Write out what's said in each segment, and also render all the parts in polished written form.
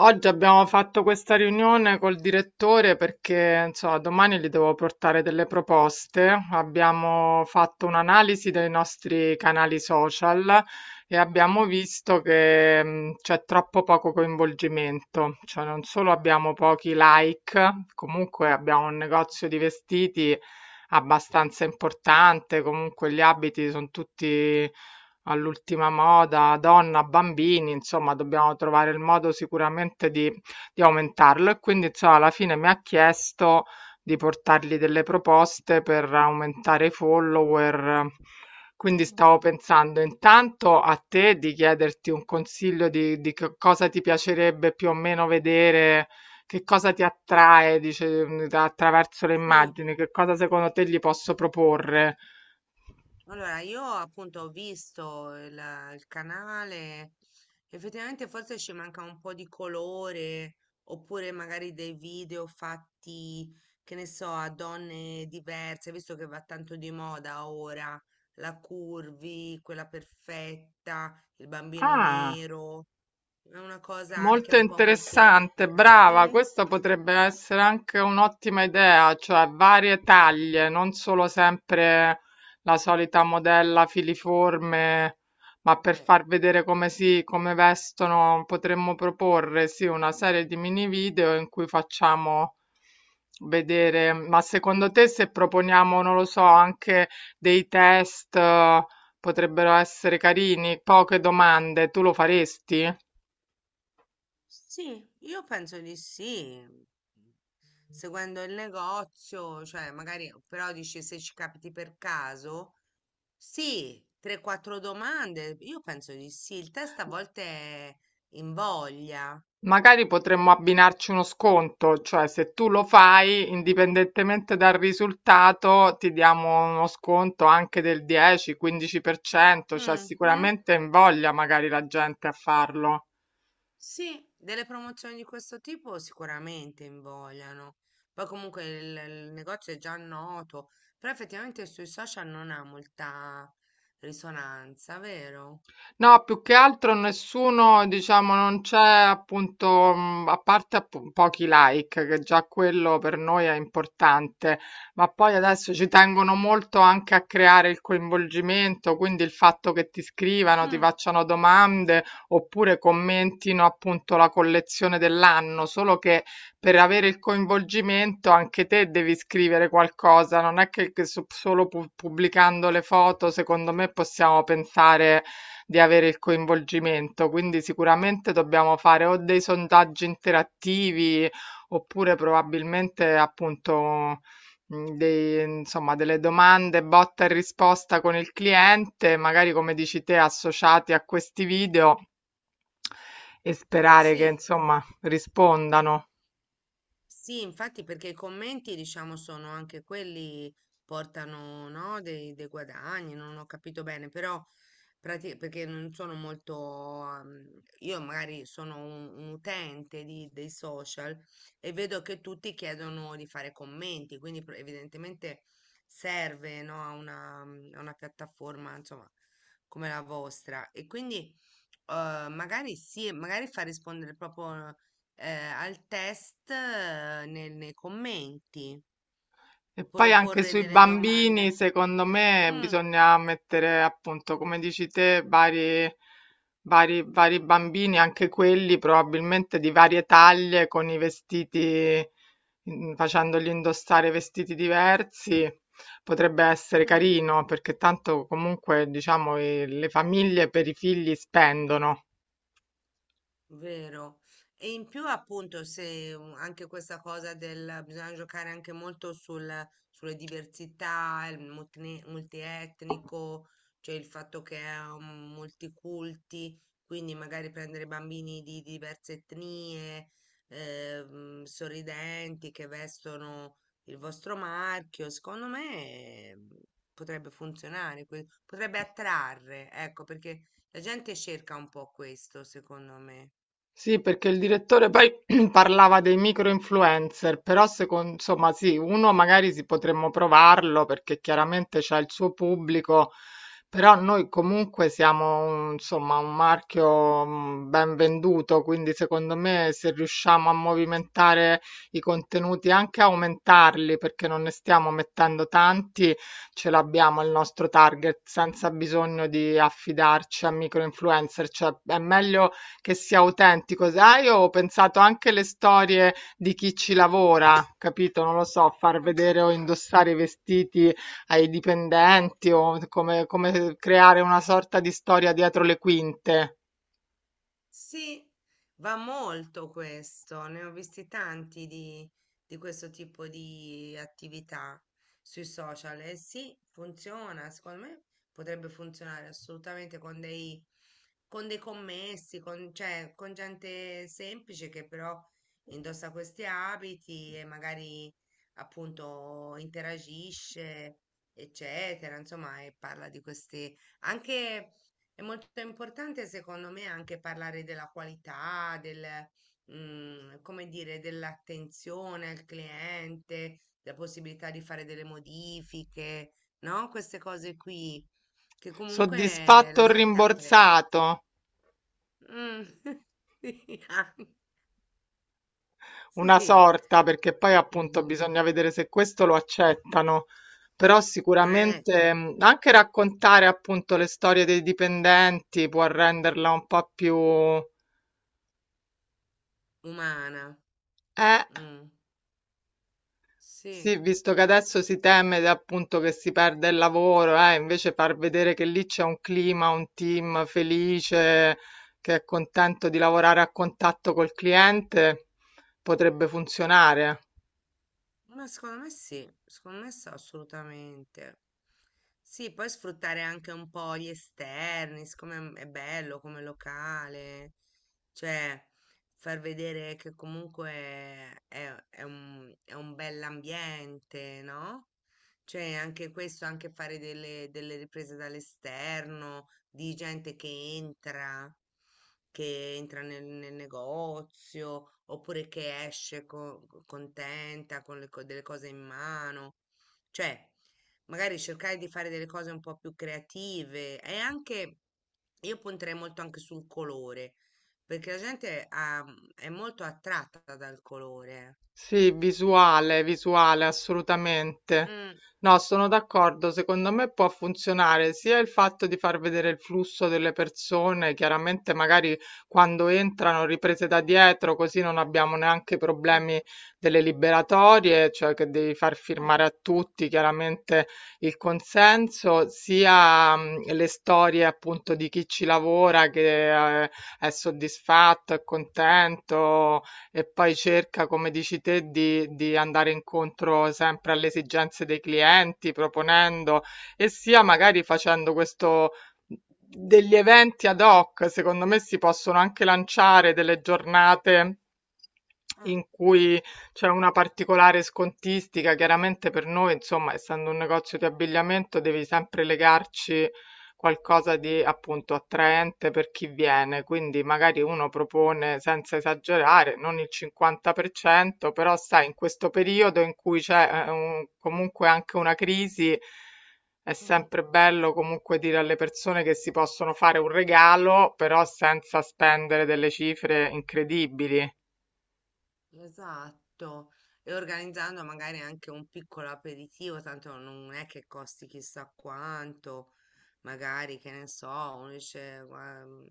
Oggi abbiamo fatto questa riunione col direttore perché, insomma, domani gli devo portare delle proposte. Abbiamo fatto un'analisi dei nostri canali social e abbiamo visto che c'è troppo poco coinvolgimento, cioè non solo abbiamo pochi like, comunque abbiamo un negozio di vestiti abbastanza importante, comunque gli abiti sono tutti all'ultima moda, donna, bambini, insomma, dobbiamo trovare il modo sicuramente di aumentarlo. E quindi, insomma, alla fine mi ha chiesto di portargli delle proposte per aumentare i follower. Quindi stavo pensando intanto a te di chiederti un consiglio di che cosa ti piacerebbe più o meno vedere, che cosa ti attrae, dice, attraverso le immagini, che cosa secondo te gli posso proporre. Allora, io appunto ho visto il canale, effettivamente forse ci manca un po' di colore, oppure magari dei video fatti, che ne so, a donne diverse, visto che va tanto di moda ora, la curvy, quella perfetta, il bambino Ah. nero, è una cosa anche Molto un po' interessante, multietnica. brava, Mm? questa potrebbe essere anche un'ottima idea, cioè varie taglie, non solo sempre la solita modella filiforme, ma per Eh. far vedere come vestono, potremmo proporre, sì, una serie di mini video in cui facciamo vedere, ma secondo te se proponiamo, non lo so, anche dei test, potrebbero essere carini, poche domande, tu lo faresti? Sì, io penso di sì. Mhmm, Seguendo il negozio, cioè magari, però dici se ci capiti per caso, sì, 3-4 domande, io penso di sì. Il test a volte è invoglia. Magari potremmo abbinarci uno sconto, cioè se tu lo fai, indipendentemente dal risultato, ti diamo uno sconto anche del 10-15%, cioè Mhm. sicuramente invoglia magari la gente a farlo. Sì, delle promozioni di questo tipo sicuramente invogliano. Poi comunque il negozio è già noto, però effettivamente sui social non ha molta risonanza, vero? No, più che altro nessuno, diciamo, non c'è appunto, a parte pochi like, che già quello per noi è importante, ma poi adesso ci tengono molto anche a creare il coinvolgimento, quindi il fatto che ti scrivano, ti Mm, facciano domande oppure commentino appunto la collezione dell'anno, solo che per avere il coinvolgimento anche te devi scrivere qualcosa, non è che solo pubblicando le foto, secondo me possiamo pensare di avere il coinvolgimento, quindi sicuramente dobbiamo fare o dei sondaggi interattivi oppure probabilmente appunto insomma, delle domande botta e risposta con il cliente, magari come dici te, associati a questi video e sperare che sì. insomma rispondano. Sì, infatti perché i commenti, diciamo, sono anche quelli portano, no, dei guadagni, non ho capito bene, però perché non sono molto, io magari sono un utente dei social e vedo che tutti chiedono di fare commenti, quindi evidentemente serve, no, a una piattaforma, insomma, come la vostra. E quindi magari sì, magari fa rispondere proprio al test nei commenti, E poi anche proporre sui delle bambini, domande. secondo me, Mm, bisogna mettere appunto, come dici te, vari bambini, anche quelli probabilmente di varie taglie, con i vestiti, facendogli indossare vestiti diversi. Potrebbe essere mm. carino, perché tanto comunque, diciamo, le famiglie per i figli spendono. Vero. E in più appunto se anche questa cosa del bisogna giocare anche molto sulle diversità, il multietnico, cioè il fatto che è multiculti, quindi magari prendere bambini di diverse etnie, sorridenti che vestono il vostro marchio, secondo me eh, potrebbe funzionare, potrebbe attrarre, ecco, perché la gente cerca un po' questo, secondo me. Sì, perché il direttore poi parlava dei micro-influencer, però secondo, insomma sì, uno magari si potremmo provarlo perché chiaramente c'ha il suo pubblico, però noi comunque siamo insomma un marchio ben venduto, quindi secondo me se riusciamo a movimentare i contenuti, anche aumentarli, perché non ne stiamo mettendo tanti, ce l'abbiamo il nostro target senza bisogno di affidarci a micro-influencer, cioè è meglio che sia autentico, sai? Io ho pensato anche alle storie di chi ci lavora, capito? Non lo so, far vedere o indossare i vestiti ai dipendenti o come creare una sorta di storia dietro le quinte. Sì, va molto questo, ne ho visti tanti di questo tipo di attività sui social e sì, funziona, secondo me potrebbe funzionare assolutamente con dei commessi, con, cioè, con gente semplice che però indossa questi abiti e magari appunto interagisce, eccetera, insomma, e parla di queste anche è molto importante secondo me anche parlare della qualità, del, come dire, dell'attenzione al cliente, della possibilità di fare delle modifiche, no? Queste cose qui che comunque Soddisfatto la o gente apprezza. rimborsato? Mm, sì, ah, Una sì. sorta, perché poi appunto Mhm. bisogna vedere se questo lo accettano. Però Eh, sicuramente anche raccontare appunto le storie dei dipendenti può renderla un po' più... umana. Eh. Mm, sì. Sì, visto che adesso si teme appunto che si perda il lavoro, invece far vedere che lì c'è un clima, un team felice, che è contento di lavorare a contatto col cliente, potrebbe funzionare. Eh. Ma secondo me sì, assolutamente. Sì, poi sfruttare anche un po' gli esterni, siccome è bello come locale, cioè far vedere che comunque è un bell'ambiente, no? Cioè anche questo, anche fare delle riprese dall'esterno, di gente che entra nel negozio oppure che esce contenta con delle cose in mano. Cioè, magari cercare di fare delle cose un po' più creative e anche io punterei molto anche sul colore, perché è molto attratta dal colore. Sì, visuale, visuale, Eh. assolutamente. Mm, No, sono d'accordo, secondo me può funzionare sia il fatto di far vedere il flusso delle persone, chiaramente magari quando entrano riprese da dietro, così non abbiamo neanche mm, problemi delle liberatorie, cioè che devi far eh, firmare a tutti chiaramente il consenso, sia le storie appunto di chi ci lavora che è soddisfatto, è contento e poi cerca, come dici te, di andare incontro sempre alle esigenze dei clienti, proponendo e sia magari facendo questo degli eventi ad hoc. Secondo me si possono anche lanciare delle giornate eh, in cui c'è una particolare scontistica. Chiaramente per noi, insomma, essendo un negozio di abbigliamento, devi sempre legarci qualcosa di appunto attraente per chi viene, quindi magari uno propone senza esagerare, non il 50%, però sai, in questo periodo in cui c'è comunque anche una crisi, è mm. sempre bello comunque dire alle persone che si possono fare un regalo, però senza spendere delle cifre incredibili. Esatto, e organizzando magari anche un piccolo aperitivo, tanto non è che costi chissà quanto, magari che ne so, uno dice,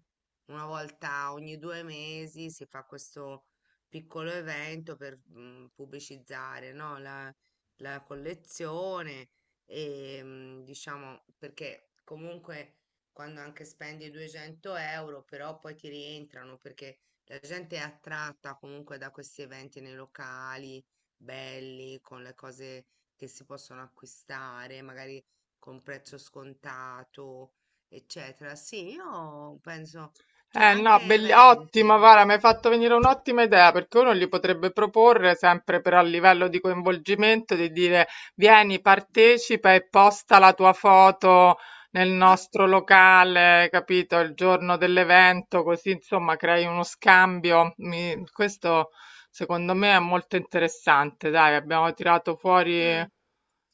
una volta ogni due mesi si fa questo piccolo evento per pubblicizzare, no, la collezione e diciamo perché comunque quando anche spendi 200 euro però poi ti rientrano perché la gente è attratta comunque da questi eventi nei locali belli, con le cose che si possono acquistare, magari con prezzo scontato, eccetera. Sì, io penso, cioè Eh no, anche ottimo, eventi. guarda, mi hai fatto venire un'ottima idea perché uno gli potrebbe proporre sempre però a livello di coinvolgimento di dire vieni, partecipa e posta la tua foto nel Eh? nostro locale, capito, il giorno dell'evento, così insomma crei uno scambio. Questo secondo me è molto interessante, dai, abbiamo tirato fuori Mm,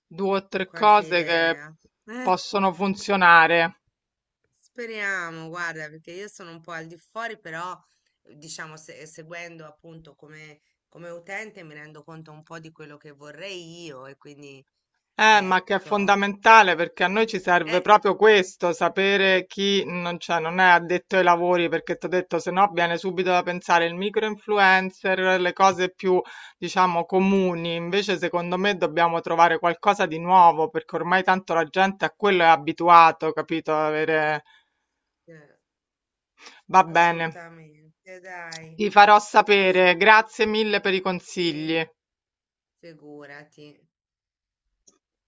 2 o 3 qualche cose che idea. Eh, possono funzionare. speriamo, guarda, perché io sono un po' al di fuori, però diciamo, seguendo appunto come, come utente mi rendo conto un po' di quello che vorrei io e quindi... Ma che è Ecco, fondamentale perché a noi ci serve Eh, proprio questo, sapere chi non, cioè, non è addetto ai lavori, perché ti ho detto, se no viene subito da pensare il micro-influencer, le cose più, diciamo, comuni. Invece, secondo me, dobbiamo trovare qualcosa di nuovo, perché ormai tanto la gente a quello è abituato, capito? Avere... eh, Va bene. assolutamente, dai, Ti farò sapere. Grazie mille per i sì, consigli. figurati.